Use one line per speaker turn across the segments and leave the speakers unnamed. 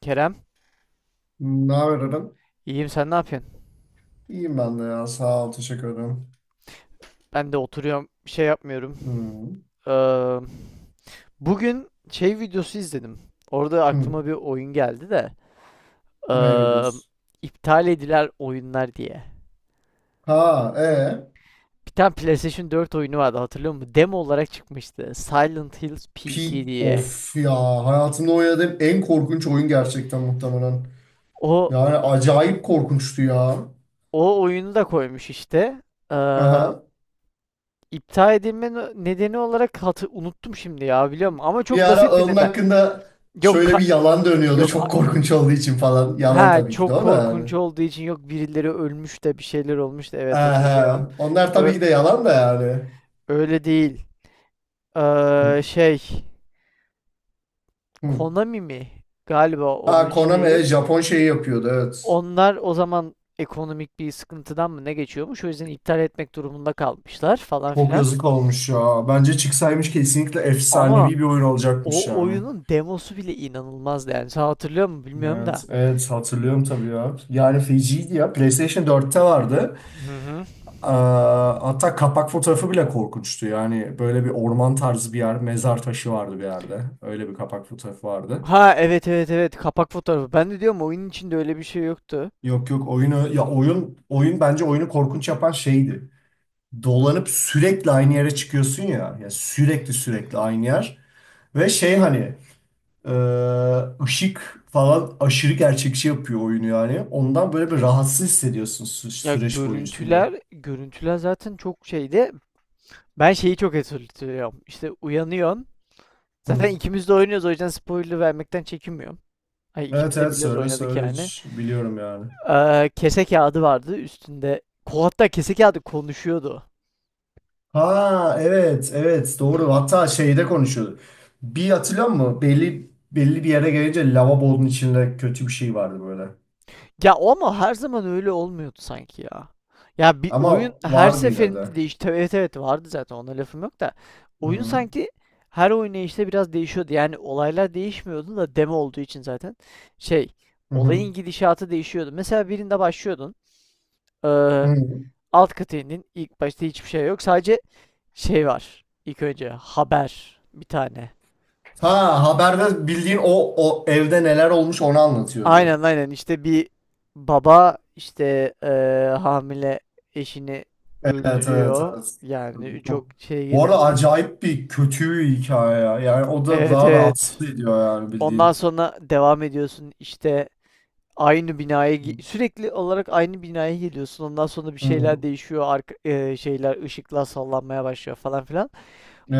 Kerem,
Ne haber Eren?
iyiyim sen ne yapıyorsun?
İyiyim ben de ya. Sağ ol. Teşekkür ederim.
Ben de oturuyorum, bir şey yapmıyorum.
Hmm.
Ee, Bugün şey videosu izledim. Orada
Hmm.
aklıma bir oyun geldi de. Ee,
Ne videosu?
iptal edilen oyunlar diye.
Ha, e.
Bir tane PlayStation 4 oyunu vardı, hatırlıyor musun? Demo olarak çıkmıştı. Silent Hills
Pi
PT diye.
of ya. Hayatımda oynadığım en korkunç oyun gerçekten muhtemelen.
O
Yani acayip korkunçtu ya.
o oyunu da koymuş işte. Ee,
Aha.
iptal edilme nedeni olarak unuttum şimdi ya, biliyor musun? Ama
Bir
çok
ara
basit bir
onun
neden.
hakkında
Yok
şöyle
ka-
bir yalan dönüyordu.
yok.
Çok korkunç olduğu için falan. Yalan
Ha,
tabii ki de
çok
o da yani.
korkunç olduğu için, yok birileri ölmüş de bir şeyler olmuş da, evet hatırlıyorum.
Aha. Onlar tabii
Ö-
ki de yalan da yani.
öyle değil. Ee,
Hmm.
şey
Hmm.
Konami mi? Galiba
Ha,
onun
Konami
şeyi.
Japon şeyi yapıyordu, evet.
Onlar o zaman ekonomik bir sıkıntıdan mı ne geçiyormuş? O yüzden iptal etmek durumunda kalmışlar falan
Çok
filan.
yazık olmuş ya. Bence çıksaymış kesinlikle
Ama
efsanevi bir oyun olacakmış
o
yani.
oyunun demosu bile inanılmazdı yani. Sen hatırlıyor musun bilmiyorum
Evet,
da.
evet hatırlıyorum tabii ya. Yani feciydi ya. PlayStation 4'te vardı.
Hı hı.
Aa, hatta kapak fotoğrafı bile korkunçtu. Yani böyle bir orman tarzı bir yer, mezar taşı vardı bir yerde. Öyle bir kapak fotoğrafı vardı.
Ha evet evet evet, kapak fotoğrafı. Ben de diyorum oyunun içinde öyle bir şey yoktu.
Yok yok, oyunu ya, oyun oyun bence oyunu korkunç yapan şeydi. Dolanıp sürekli aynı yere çıkıyorsun ya. Ya sürekli sürekli aynı yer. Ve şey, hani Ee, ışık falan aşırı gerçekçi yapıyor oyunu yani. Ondan böyle bir rahatsız hissediyorsun
Ya,
süreç boyunca.
görüntüler, görüntüler zaten çok şeydi. Ben şeyi çok hatırlıyorum. İşte uyanıyorsun.
Hı.
Zaten ikimiz de oynuyoruz o yüzden spoiler vermekten çekinmiyorum. Ay
Evet
ikimiz de
evet,
biliyoruz,
söyle
oynadık
söyle,
yani.
hiç biliyorum yani.
Kese kağıdı vardı üstünde. Hatta kese kağıdı konuşuyordu.
Ha evet evet, doğru, hatta şeyde konuşuyordu. Bir hatırlıyor musun? Belli belli bir yere gelince lavabonun içinde kötü bir şey vardı böyle.
Ya o ama her zaman öyle olmuyordu sanki ya. Ya, bir oyun
Ama
her
vardı yine
seferinde
de.
değişti. Evet evet vardı, zaten ona lafım yok da. Oyun
Hı.
sanki her oynayışta biraz değişiyordu. Yani olaylar değişmiyordu da, demo olduğu için zaten. Şey,
Hı
olayın
hı.
gidişatı değişiyordu. Mesela birinde başlıyordun. eee,
Hı.
alt kata indin. İlk başta hiçbir şey yok. Sadece şey var. İlk önce haber bir tane.
Ha, haberde bildiğin o, o evde neler olmuş onu anlatıyordu.
Aynen aynen, işte bir baba işte hamile eşini
Evet evet
öldürüyor
evet.
yani, çok
Çok...
şeye
Bu arada
girmeden.
acayip bir kötü bir hikaye ya. Yani o da
Evet
daha rahatsız
evet.
ediyor yani
Ondan
bildiğin.
sonra devam ediyorsun işte sürekli olarak aynı binaya geliyorsun. Ondan sonra bir
Hı.
şeyler değişiyor arka, şeyler, ışıklar sallanmaya başlıyor falan filan.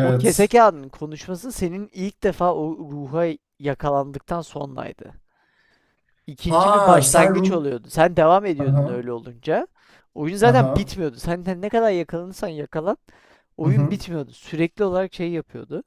O kese kağıdının konuşması senin ilk defa o ruha yakalandıktan sonraydı.
Ha
İkinci bir
sen
başlangıç
ruh...
oluyordu. Sen devam
Aha,
ediyordun öyle olunca. Oyun zaten
aha.
bitmiyordu. Senden ne kadar yakalanırsan yakalan
Hı
oyun
hı.
bitmiyordu. Sürekli olarak şey yapıyordu.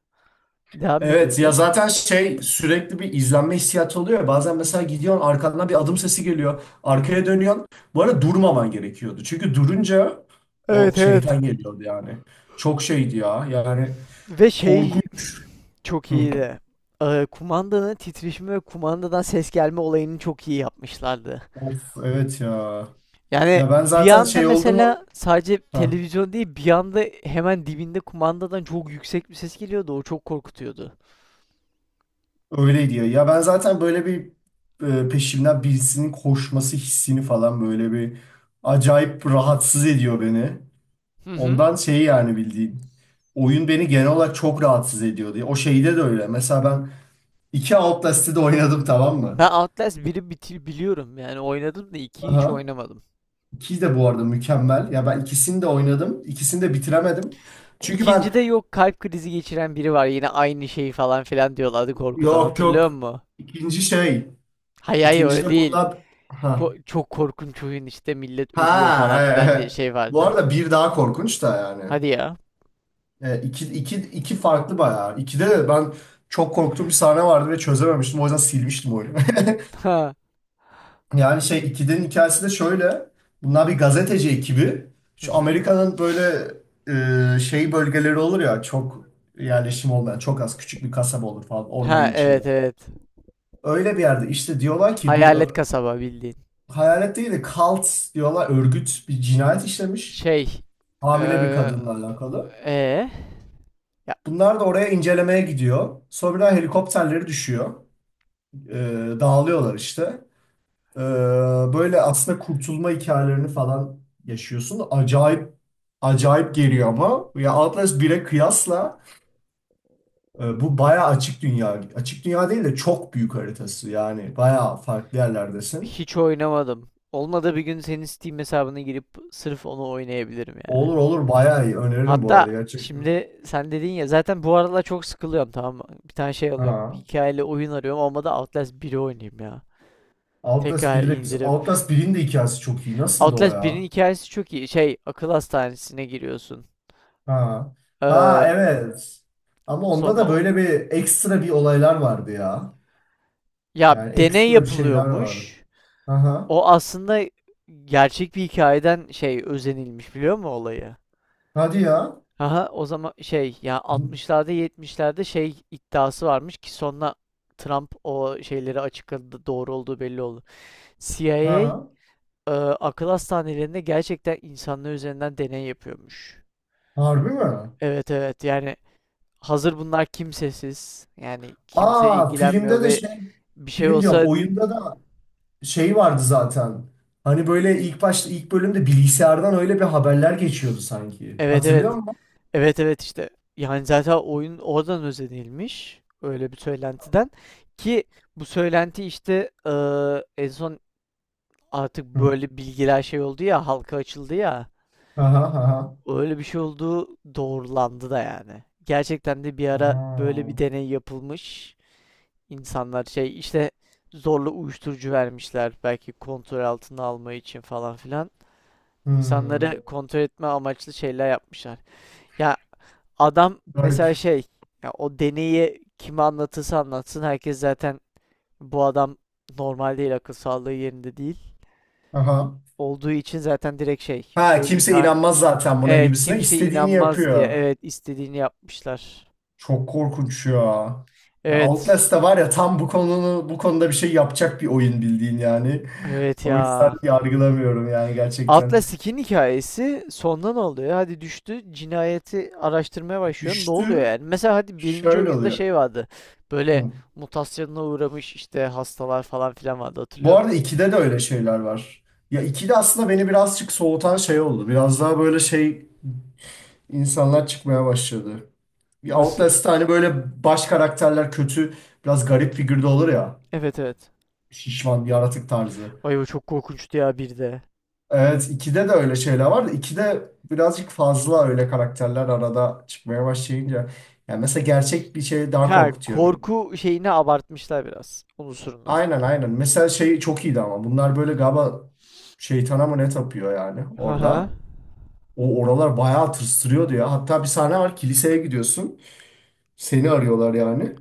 Devam
Evet ya,
ediyordu.
zaten şey, sürekli bir izlenme hissiyatı oluyor ya. Bazen mesela gidiyorsun arkandan bir adım sesi geliyor. Arkaya dönüyorsun. Bu arada durmaman gerekiyordu. Çünkü durunca o
Evet evet.
şeytan geliyordu yani. Çok şeydi ya. Yani
Ve şey,
korkunç.
çok
Hı.
iyiydi. Kumandanın titreşimi ve kumandadan ses gelme olayını çok iyi yapmışlardı.
Of evet ya.
Yani
Ya ben
bir
zaten
anda
şey oldu mu?
mesela sadece
Ha,
televizyon değil, bir anda hemen dibinde kumandadan çok yüksek bir ses geliyordu. O çok korkutuyordu.
öyle diyor. Ya ben zaten böyle bir peşimden birisinin koşması hissini falan böyle bir acayip rahatsız ediyor beni.
Hı hı.
Ondan şey yani bildiğin. Oyun beni genel olarak çok rahatsız ediyor diye. O şeyde de öyle. Mesela ben iki Outlast'ı da oynadım, tamam mı?
Ben Outlast 1'i bitir biliyorum yani, oynadım da 2'yi hiç
Aha.
oynamadım.
İki de bu arada mükemmel. Ya ben ikisini de oynadım. İkisini de bitiremedim. Çünkü ben
İkincide, yok kalp krizi geçiren biri var, yine aynı şeyi falan filan diyorlardı, korkudan
yok
hatırlıyor
yok.
musun?
İkinci şey.
Hayır hayır
İkinci
öyle
de
değil.
bundan...
Çok korkunç oyun işte, millet ölüyor falan
Ha, e,
filan diye
e.
şey
Bu
vardı.
arada bir daha korkunç da yani.
Hadi ya.
İki, iki, iki farklı bayağı. İkide de ben çok korktuğum bir sahne vardı ve çözememiştim. O yüzden silmiştim oyunu.
Ha.
Yani şey, ikidinin hikayesi de şöyle. Bunlar bir gazeteci ekibi.
Hı
Şu
hı.
Amerika'nın böyle şey bölgeleri olur ya, çok yerleşim olmayan, çok az, küçük bir kasaba olur falan ormanın
Ha evet
içinde.
evet.
Öyle bir yerde işte diyorlar ki bir
Hayalet kasaba bildiğin.
hayalet değil de cult diyorlar, örgüt bir cinayet işlemiş.
Şey.
Hamile bir
Eee.
kadınla alakalı.
Ee? Ya,
Bunlar da oraya incelemeye gidiyor. Sonra helikopterleri düşüyor. Ee, dağılıyorlar işte. Ee, böyle aslında kurtulma hikayelerini falan yaşıyorsun. Acayip acayip geliyor ama. Ya Atlas 1'e kıyasla bu bayağı açık dünya. Açık dünya değil de çok büyük haritası. Yani bayağı farklı yerlerdesin.
hiç oynamadım. Olmadı bir gün senin Steam hesabına girip sırf onu oynayabilirim yani.
Olur olur, bayağı iyi. Öneririm bu
Hatta
arada gerçekten.
şimdi sen dedin ya, zaten bu aralar çok sıkılıyorum tamam mı? Bir tane şey alıyorum.
Ha.
Hikayeli oyun arıyorum. Olmadı Outlast biri oynayayım ya.
Outlast
Tekrar
1'i de güzel.
indirip.
Outlast 1'in de hikayesi çok iyi. Nasıldı o
Outlast birin
ya?
hikayesi çok iyi. Şey, akıl hastanesine giriyorsun.
Ha. Ha
Ee,
evet. Ama onda
sonra
da
o-
böyle bir ekstra bir olaylar vardı ya.
ya
Yani
deney
ekstra bir şeyler vardı.
yapılıyormuş.
Aha.
O aslında gerçek bir hikayeden şey, özenilmiş biliyor musun olayı?
Hadi ya.
Aha o zaman şey, ya altmışlarda yetmişlerde şey iddiası varmış ki sonra Trump o şeyleri açıkladı, doğru olduğu belli oldu.
Ha.
CIA e, akıl hastanelerinde gerçekten insanlar üzerinden deney yapıyormuş.
Harbi mi?
Evet evet yani, hazır bunlar kimsesiz yani kimse
Aa,
ilgilenmiyor
filmde de
ve
şey,
bir şey
film diyorum,
olsa
oyunda da şey vardı zaten. Hani böyle ilk başta, ilk bölümde bilgisayardan öyle bir haberler geçiyordu sanki.
evet
Hatırlıyor
evet
musun?
evet evet işte yani zaten oyun oradan özenilmiş, öyle bir söylentiden ki bu söylenti işte en son artık
Hı.
böyle bilgiler şey oldu ya, halka açıldı ya.
Aha aha.
Öyle bir şey olduğu doğrulandı da yani. Gerçekten de bir ara böyle bir
Aa.
deney yapılmış. İnsanlar şey işte zorla uyuşturucu vermişler belki, kontrol altına alma için falan filan.
Hmm.
İnsanları kontrol etme amaçlı şeyler yapmışlar. Ya adam
Garip.
mesela şey, ya o deneyi kime anlatırsa anlatsın herkes zaten bu adam normal değil, akıl sağlığı yerinde değil.
Aha.
Olduğu için zaten direkt
Ha, kimse inanmaz zaten buna
evet
gibisine.
kimse
İstediğini
inanmaz diye,
yapıyor.
evet istediğini yapmışlar.
Çok korkunç ya. Ya
Evet.
Outlast da var ya, tam bu konunu, bu konuda bir şey yapacak bir oyun bildiğin yani.
Evet
O yüzden
ya.
yargılamıyorum yani gerçekten.
Atla Skin hikayesi sonda ne oluyor? Hadi düştü, cinayeti araştırmaya başlıyor. Ne oluyor
Düştü
yani? Mesela hadi birinci
şöyle
oyunda
oluyor.
şey vardı. Böyle
Hı.
mutasyona uğramış işte hastalar falan filan vardı, hatırlıyor
Bu
musun?
arada 2'de de öyle şeyler var. Ya 2'de aslında beni birazcık soğutan şey oldu. Biraz daha böyle şey, insanlar çıkmaya başladı. Ya
Nasıl?
Outlast'ta hani böyle baş karakterler kötü, biraz garip figürde olur ya.
Evet evet.
Şişman, yaratık tarzı.
Ay o çok korkunçtu ya bir de.
Evet, 2'de de öyle şeyler var da 2'de birazcık fazla öyle karakterler arada çıkmaya başlayınca. Yani mesela gerçek bir şey daha
Ha,
korkutuyor beni.
korku şeyini abartmışlar biraz. Unsurunu. Ha.
Aynen aynen. Mesela şey çok iyiydi ama bunlar böyle galiba şeytana mı ne tapıyor yani
Haha.
orada. O oralar bayağı tırstırıyordu ya. Hatta bir sahne var, kiliseye gidiyorsun. Seni arıyorlar yani.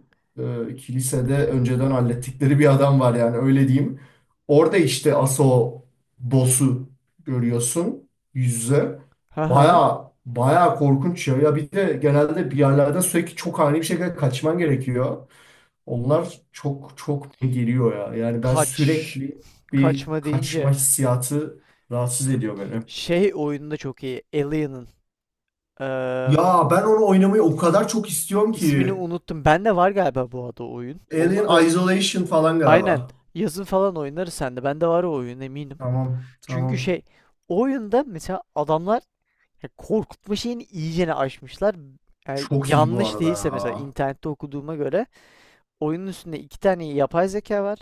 Kilisede önceden hallettikleri bir adam var yani, öyle diyeyim. Orada işte Aso boss'u görüyorsun yüz yüze.
Ha.
Baya baya korkunç ya. Ya bir de genelde bir yerlerden sürekli çok ani bir şekilde kaçman gerekiyor. Onlar çok çok geliyor ya. Yani ben
Kaç.
sürekli bir
Kaçma
kaçma
deyince.
hissiyatı rahatsız ediyor beni.
Şey oyunda çok iyi. Alien'ın. Eee
Ya ben onu oynamayı o kadar çok istiyorum
İsmini
ki.
unuttum. Bende var galiba bu adı oyun.
Alien
Olmadı.
Isolation falan
Aynen.
galiba.
Yazın falan oynarız sende. Bende var o oyun eminim.
Tamam,
Çünkü
tamam.
şey, o oyunda mesela adamlar ya korkutma şeyini iyicene aşmışlar. Yani
Çok iyi bu
yanlış
arada
değilse, mesela
ya.
internette okuduğuma göre oyunun üstünde iki tane yapay zeka var.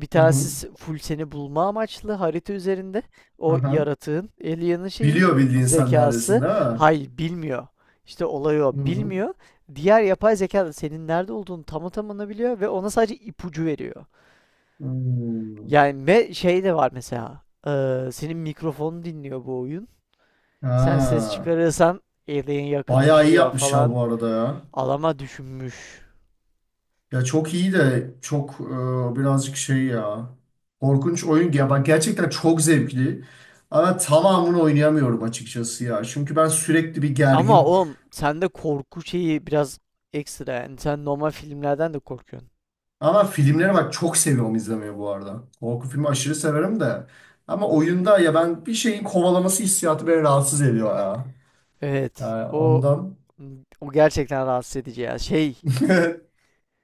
Bir
Hı hı.
tanesi full seni bulma amaçlı harita üzerinde. O
Aha.
yaratığın, alien'ın şeyi,
Biliyor bildiğin, sen neredesin
zekası.
değil mi?
Hayır bilmiyor. İşte olay, o
Hı hı.
bilmiyor. Diğer yapay zeka da senin nerede olduğunu tam tamına biliyor ve ona sadece ipucu veriyor.
Hmm.
Yani ve şey de var mesela. Senin mikrofonu dinliyor bu oyun. Sen ses
Ha.
çıkarırsan alien
Bayağı iyi
yakınlaşıyor
yapmış ya
falan.
bu arada ya.
Alama düşünmüş.
Ya çok iyi de çok birazcık şey ya. Korkunç oyun ya. Bak, gerçekten çok zevkli. Ama tamamını oynayamıyorum açıkçası ya. Çünkü ben sürekli bir
Ama
gergin.
oğlum sende korku şeyi biraz ekstra yani, sen normal filmlerden de korkuyorsun.
Ama filmleri bak çok seviyorum izlemeyi bu arada. Korku filmi aşırı severim de. Ama oyunda ya, ben bir şeyin kovalaması hissiyatı beni rahatsız ediyor ya.
Evet.
Yani
O
ondan.
o gerçekten rahatsız edici ya. Şey,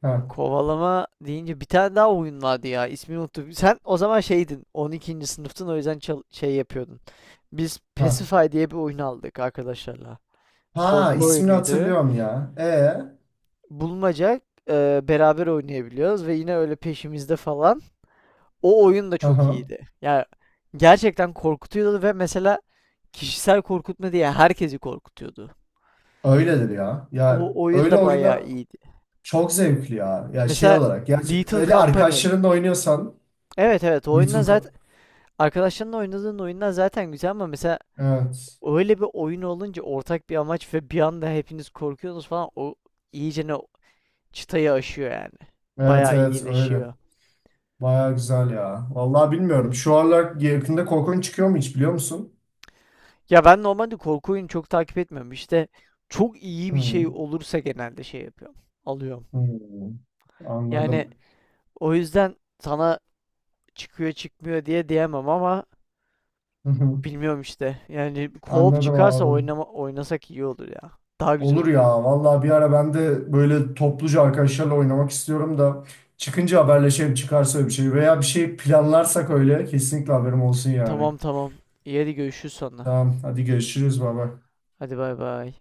Ha,
kovalama deyince bir tane daha oyun vardı ya. İsmini unuttum. Sen o zaman şeydin. 12. sınıftın o yüzden şey yapıyordun. Biz
ha.
Pacify diye bir oyun aldık arkadaşlarla.
Ha,
Korku
ismini
oyunuydu.
hatırlıyorum ya.
Bulmaca beraber oynayabiliyoruz ve yine öyle peşimizde falan. O oyun da
Hı
çok
hı.
iyiydi. Yani gerçekten korkutuyordu ve mesela kişisel korkutma diye herkesi korkutuyordu.
Öyledir ya. Ya
O oyun
öyle
da bayağı
oyunda
iyiydi.
çok zevkli ya. Ya şey
Mesela
olarak. Ya
Little
öyle
Company.
arkadaşlarınla oynuyorsan
Evet evet, o
Little
oyundan
Ka-
zaten arkadaşlarınla oynadığın oyundan zaten güzel, ama mesela
Evet.
öyle bir oyun olunca ortak bir amaç ve bir anda hepiniz korkuyorsunuz falan, o iyice ne çıtayı aşıyor yani.
Evet
Bayağı
evet öyle.
iyileşiyor.
Baya güzel ya. Vallahi bilmiyorum. Şu aralar yakında korkunç çıkıyor mu, hiç biliyor musun?
Ya ben normalde korku oyunu çok takip etmiyorum. İşte çok iyi bir şey
Hı.
olursa genelde şey yapıyorum. Alıyorum.
Hmm,
Yani
anladım.
o yüzden sana çıkıyor çıkmıyor diye diyemem ama
Hı hı.
bilmiyorum işte. Yani co-op
Anladım
çıkarsa
abi.
oynama, oynasak iyi olur ya. Daha güzel
Olur
oluyor.
ya. Vallahi bir ara ben de böyle topluca arkadaşlarla oynamak istiyorum da çıkınca haberleşelim, çıkarsa bir şey veya bir şey planlarsak öyle kesinlikle haberim olsun yani.
Tamam tamam. İyi hadi görüşürüz sonra.
Tamam hadi görüşürüz baba.
Hadi bay bay.